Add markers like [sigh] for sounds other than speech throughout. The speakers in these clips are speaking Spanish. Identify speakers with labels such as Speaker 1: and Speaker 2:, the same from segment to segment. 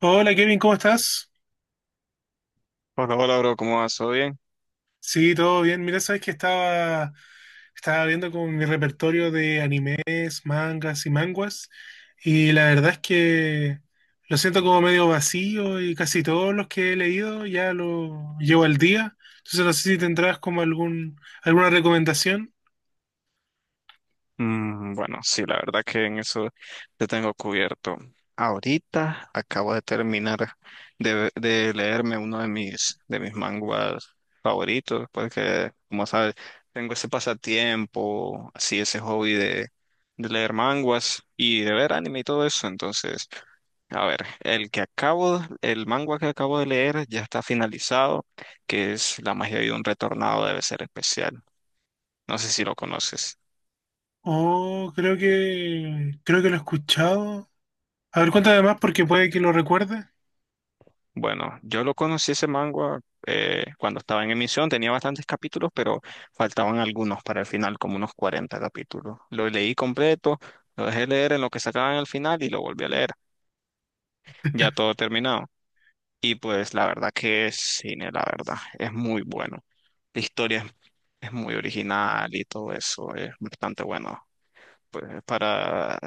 Speaker 1: Hola Kevin, ¿cómo estás?
Speaker 2: Hola, hola, bro, ¿cómo vas? ¿Todo bien?
Speaker 1: Sí, todo bien. Mira, sabes que estaba viendo con mi repertorio de animes, mangas y manguas, y la verdad es que lo siento como medio vacío y casi todos los que he leído ya lo llevo al día. Entonces no sé si tendrás como algún, alguna recomendación.
Speaker 2: Bueno, sí, la verdad que en eso te tengo cubierto. Ahorita acabo de terminar de leerme uno de mis manguas favoritos, porque, como sabes, tengo ese pasatiempo, así, ese hobby de leer manguas y de ver anime y todo eso. Entonces, a ver, el manga que acabo de leer ya está finalizado, que es La magia de un retornado debe ser especial. No sé si lo conoces.
Speaker 1: Oh, creo que lo he escuchado. A ver, cuéntame más porque puede que lo recuerde.
Speaker 2: Bueno, yo lo conocí ese manga cuando estaba en emisión, tenía bastantes capítulos, pero faltaban algunos para el final, como unos 40 capítulos. Lo leí completo, lo dejé leer en lo que sacaban al final y lo volví a leer, ya todo terminado. Y pues la verdad que es cine, la verdad, es muy bueno. La historia es muy original y todo eso, es bastante bueno. Pues para,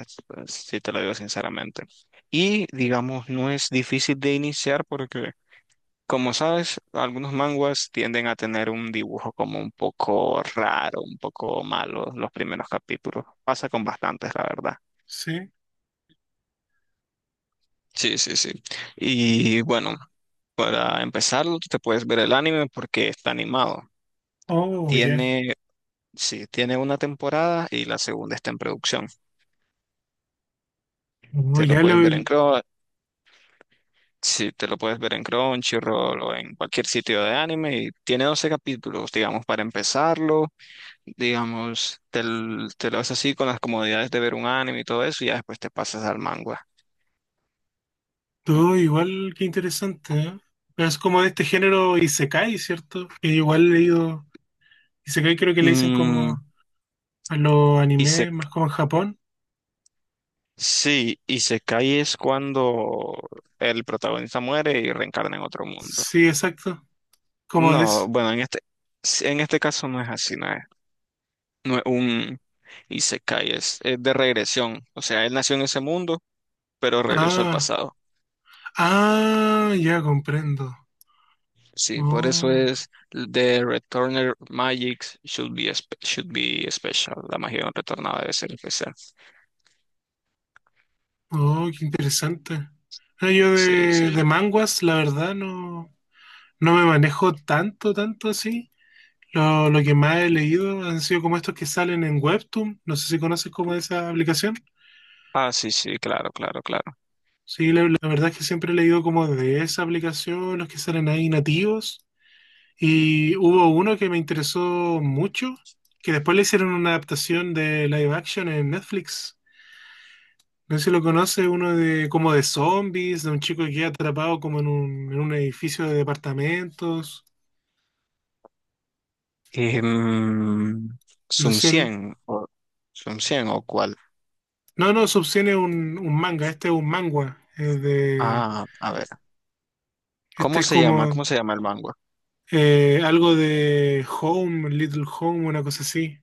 Speaker 2: si te lo digo sinceramente. Y digamos, no es difícil de iniciar porque como sabes, algunos manguas tienden a tener un dibujo como un poco raro, un poco malo los primeros capítulos. Pasa con bastantes, la verdad.
Speaker 1: Sí.
Speaker 2: Sí, sí, sí. Y bueno, para empezarlo, tú te puedes ver el anime porque está animado.
Speaker 1: Oh, ya.
Speaker 2: Tiene, sí, tiene una temporada y la segunda está en producción.
Speaker 1: Oh,
Speaker 2: Te lo
Speaker 1: ya lo.
Speaker 2: puedes ver en Crunchy, sí, te lo puedes ver en Crunchyroll o en cualquier sitio de anime y tiene 12 capítulos, digamos, para empezarlo. Digamos, te lo haces así con las comodidades de ver un anime y todo eso, y ya después te pasas al manga.
Speaker 1: Todo igual, qué interesante, ¿eh? Pero es como de este género Isekai, ¿cierto? Que igual he leído. Isekai creo que le dicen
Speaker 2: Mm,
Speaker 1: como a los
Speaker 2: y se,
Speaker 1: animes, más como en Japón.
Speaker 2: sí, y se cae es cuando el protagonista muere y reencarna en otro mundo.
Speaker 1: Sí, exacto. Como de
Speaker 2: No,
Speaker 1: ese.
Speaker 2: bueno, sí, en este caso no es así, no es un Isekai, es de regresión. O sea, él nació en ese mundo, pero regresó al
Speaker 1: Ah,
Speaker 2: pasado.
Speaker 1: ah, ya comprendo.
Speaker 2: Sí, por eso
Speaker 1: Oh,
Speaker 2: es The Returner Magic should be special. La magia de un retornado debe ser especial.
Speaker 1: oh, qué interesante. Ah, yo
Speaker 2: Sí,
Speaker 1: de,
Speaker 2: sí.
Speaker 1: de manguas, la verdad, no, no me manejo tanto, tanto así. Lo que más he leído han sido como estos que salen en Webtoon. No sé si conoces como esa aplicación.
Speaker 2: Ah, sí, sí, claro, claro, claro.
Speaker 1: Sí, la verdad es que siempre he leído como de esa aplicación, los que salen ahí nativos. Y hubo uno que me interesó mucho, que después le hicieron una adaptación de live action en Netflix. No sé si lo conoce, uno de como de zombies, de un chico que queda atrapado como en un edificio de departamentos.
Speaker 2: Em,
Speaker 1: No
Speaker 2: Sum
Speaker 1: sé.
Speaker 2: 100 o Sum 100 o cuál.
Speaker 1: No, no, Subsidian es un manga, este es un manga. Es de,
Speaker 2: Ah, a ver.
Speaker 1: este
Speaker 2: ¿Cómo
Speaker 1: es
Speaker 2: se llama?
Speaker 1: como
Speaker 2: ¿Cómo se llama el manga?
Speaker 1: algo de Home, Little Home, una cosa así.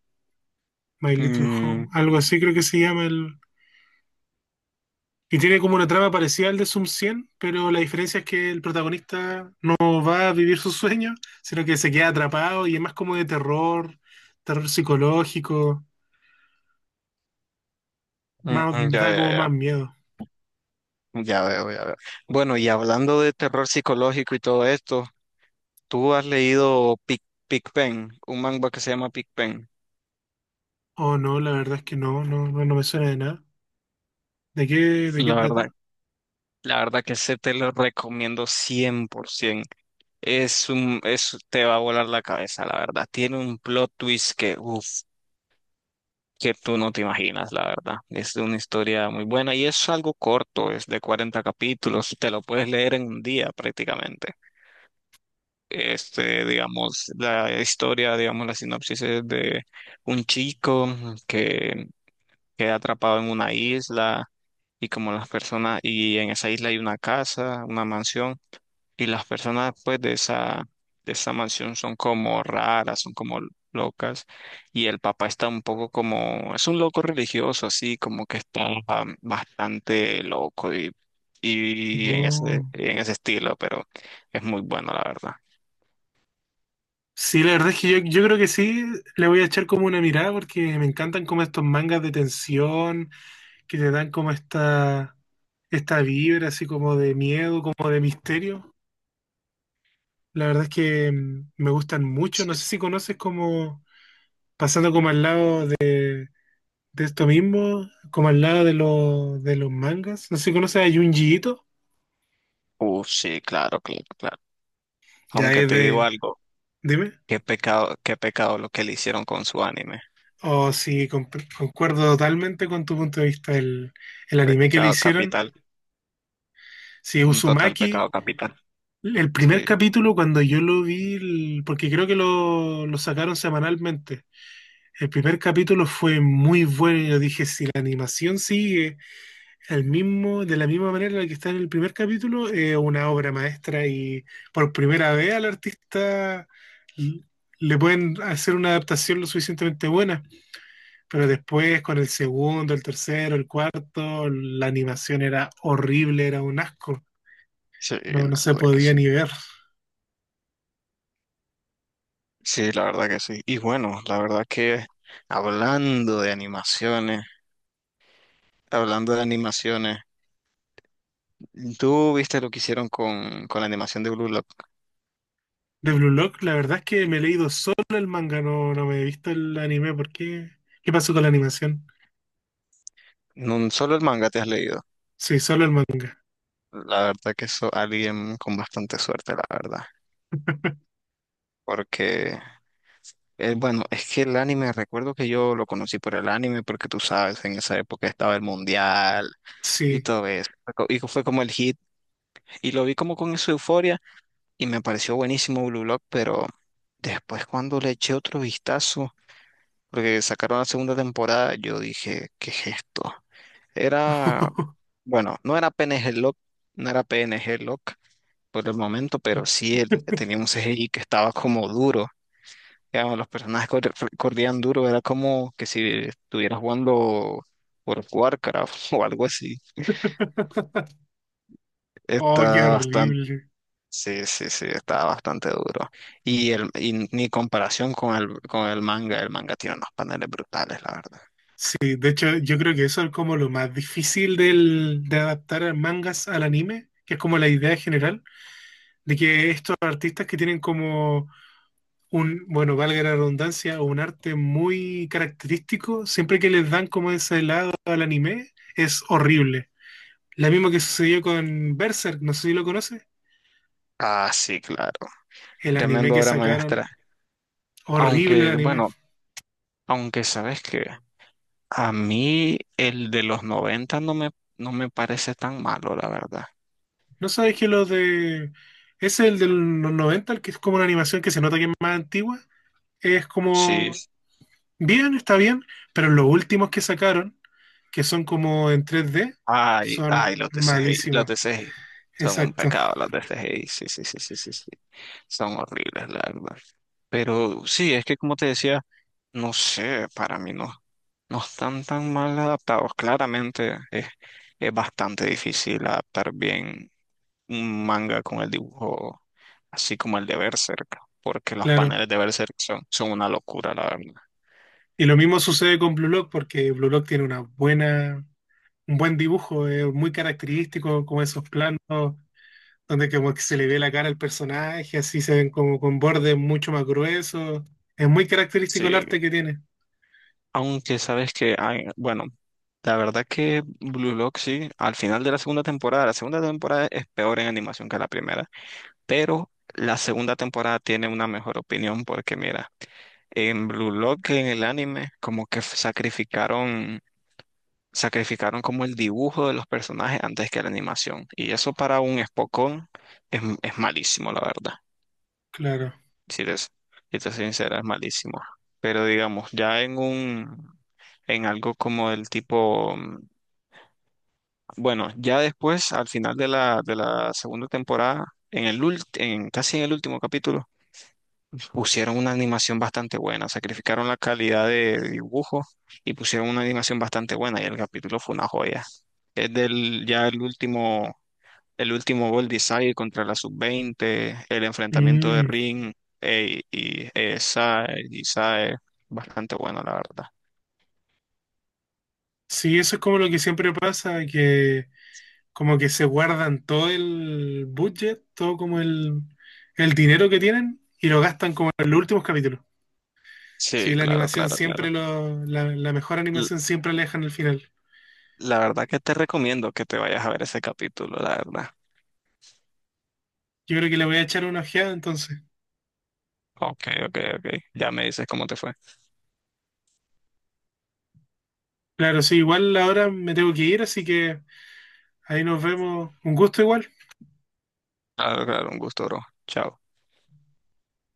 Speaker 1: My Little
Speaker 2: Mm,
Speaker 1: Home, algo así creo que se llama el... Y tiene como una trama parecida al de Sum 100, pero la diferencia es que el protagonista no va a vivir sus sueños, sino que se queda atrapado y es más como de terror, terror psicológico,
Speaker 2: mm,
Speaker 1: más,
Speaker 2: mm, ya,
Speaker 1: da
Speaker 2: ya,
Speaker 1: como
Speaker 2: ya.
Speaker 1: más miedo.
Speaker 2: Ya veo, ya veo. Bueno, y hablando de terror psicológico y todo esto, ¿tú has leído Pen, un manga que se llama Pic Pen?
Speaker 1: Oh, no, la verdad es que no, no, no, no me suena de nada. ¿De qué, de qué
Speaker 2: La verdad
Speaker 1: trata?
Speaker 2: La verdad que ese te lo recomiendo 100%. Te va a volar la cabeza, la verdad. Tiene un plot twist que, uff, que tú no te imaginas, la verdad. Es una historia muy buena y es algo corto, es de 40 capítulos. Te lo puedes leer en un día prácticamente. Este, digamos, la sinopsis es de un chico que queda atrapado en una isla y como las personas, y en esa isla hay una casa, una mansión. Y las personas pues de esa mansión son como raras, son como locas. Y el papá está un poco como, es un loco religioso, así como que está ah, bastante loco y en ese,
Speaker 1: Oh.
Speaker 2: en ese estilo, pero es muy bueno, la verdad.
Speaker 1: Sí, la verdad es que yo creo que sí, le voy a echar como una mirada porque me encantan como estos mangas de tensión que te dan como esta vibra así como de miedo, como de misterio. La verdad es que me gustan mucho.
Speaker 2: Sí.
Speaker 1: No sé si conoces como, pasando como al lado de esto mismo, como al lado de los mangas. No sé si conoces a Junji Ito.
Speaker 2: Sí, claro, claro, claro.
Speaker 1: Ya
Speaker 2: Aunque
Speaker 1: es
Speaker 2: te digo
Speaker 1: de...
Speaker 2: algo,
Speaker 1: Dime.
Speaker 2: qué pecado lo que le hicieron con su anime.
Speaker 1: O si concuerdo totalmente con tu punto de vista, el anime que le
Speaker 2: Pecado
Speaker 1: hicieron.
Speaker 2: capital,
Speaker 1: Si
Speaker 2: un total
Speaker 1: Uzumaki,
Speaker 2: pecado capital.
Speaker 1: el primer
Speaker 2: Sí,
Speaker 1: capítulo cuando yo lo vi, porque creo que lo sacaron semanalmente. El primer capítulo fue muy bueno y yo dije, si la animación sigue al mismo, de la misma manera en la que está en el primer capítulo, es una obra maestra y por primera vez al artista l- le pueden hacer una adaptación lo suficientemente buena, pero después con el segundo, el tercero, el cuarto, la animación era horrible, era un asco,
Speaker 2: sí,
Speaker 1: no,
Speaker 2: la
Speaker 1: no se
Speaker 2: verdad que
Speaker 1: podía
Speaker 2: sí.
Speaker 1: ni ver.
Speaker 2: Sí, la verdad que sí. Y bueno, la verdad que hablando de animaciones, hablando de animaciones, tú viste lo que hicieron con la animación de Blue Lock.
Speaker 1: De Blue Lock, la verdad es que me he leído solo el manga, no, no me he visto el anime, ¿por qué? ¿Qué pasó con la animación?
Speaker 2: No solo el manga te has leído.
Speaker 1: Sí, solo el manga.
Speaker 2: La verdad que eso alguien con bastante suerte, la verdad. Porque, bueno, es que el anime, recuerdo que yo lo conocí por el anime, porque tú sabes, en esa época estaba el mundial y
Speaker 1: Sí.
Speaker 2: todo eso. Y fue como el hit. Y lo vi como con esa euforia y me pareció buenísimo Blue Lock, pero después cuando le eché otro vistazo, porque sacaron la segunda temporada, yo dije, ¿qué es esto? Era,
Speaker 1: [laughs]
Speaker 2: bueno, no era P N G Lock, no era P N G Lock por el momento, pero sí tenía un CGI que estaba como duro. Digamos, los personajes corrían duro, era como que si estuviera jugando por Warcraft [laughs] o algo así.
Speaker 1: Oh, qué
Speaker 2: Está
Speaker 1: horrible.
Speaker 2: Sí, sí, sí, está bastante duro. Y ni comparación con con el manga tiene unos paneles brutales, la verdad.
Speaker 1: Sí, de hecho, yo creo que eso es como lo más difícil del, de adaptar a mangas al anime, que es como la idea general, de que estos artistas que tienen como un, bueno, valga la redundancia, un arte muy característico, siempre que les dan como ese lado al anime, es horrible. La misma que sucedió con Berserk, no sé si lo conoces,
Speaker 2: Ah, sí, claro.
Speaker 1: el anime
Speaker 2: Tremendo
Speaker 1: que
Speaker 2: obra
Speaker 1: sacaron,
Speaker 2: maestra.
Speaker 1: horrible el
Speaker 2: Aunque,
Speaker 1: anime.
Speaker 2: bueno, aunque sabes que a mí el de los 90 no me parece tan malo, la verdad.
Speaker 1: No sabes que los de. Ese es el de los 90, el que es como una animación que se nota que es más antigua. Es
Speaker 2: Sí.
Speaker 1: como. Bien, está bien, pero los últimos que sacaron, que son como en tres d
Speaker 2: Ay,
Speaker 1: son
Speaker 2: ay, los de CGI, los
Speaker 1: malísimos.
Speaker 2: de CGI. Son un
Speaker 1: Exacto,
Speaker 2: pecado los de CGI, sí, sí, sí, sí, sí, sí. Son horribles, la verdad. Pero sí, es que como te decía, no sé, para mí no, no están tan mal adaptados. Claramente es bastante difícil adaptar bien un manga con el dibujo, así como el de Berserk, porque los
Speaker 1: claro.
Speaker 2: paneles de Berserk son una locura, la verdad.
Speaker 1: Y lo mismo sucede con Blue Lock, porque Blue Lock tiene una buena, un buen dibujo, es muy característico, como esos planos donde como que se le ve la cara al personaje, así se ven como con bordes mucho más gruesos. Es muy característico
Speaker 2: Sí,
Speaker 1: el arte que tiene.
Speaker 2: aunque sabes que, hay, bueno, la verdad que Blue Lock sí, al final de la segunda temporada es peor en animación que la primera, pero la segunda temporada tiene una mejor opinión porque mira, en Blue Lock, en el anime, como que sacrificaron como el dibujo de los personajes antes que la animación. Y eso para un espocón es malísimo, la verdad.
Speaker 1: Claro.
Speaker 2: Si te soy sincera, es malísimo. Pero digamos, ya en algo como el tipo, mm, bueno, ya después, al final de la segunda temporada, en el ult- en, casi en el último capítulo, pusieron una animación bastante buena, sacrificaron la calidad de dibujo y pusieron una animación bastante buena y el capítulo fue una joya. Es del ya el último Bold Desire contra la Sub-20, el enfrentamiento de
Speaker 1: Mm,
Speaker 2: Ring y Sae, bastante bueno la verdad.
Speaker 1: sí, eso es como lo que siempre pasa, que como que se guardan todo el budget, todo como el dinero que tienen y lo gastan como en los últimos capítulos. Sí,
Speaker 2: Sí,
Speaker 1: la
Speaker 2: claro,
Speaker 1: animación
Speaker 2: claro,
Speaker 1: siempre
Speaker 2: claro.
Speaker 1: lo, la mejor
Speaker 2: L-
Speaker 1: animación siempre la dejan al final.
Speaker 2: La verdad que te recomiendo que te vayas a ver ese capítulo, la verdad.
Speaker 1: Yo creo que le voy a echar una ojeada entonces.
Speaker 2: Ok, ok, ok. Ya me dices cómo te fue.
Speaker 1: Claro, sí, igual ahora me tengo que ir, así que ahí nos vemos. Un gusto igual.
Speaker 2: Claro, claro, un gusto, bro. Chao.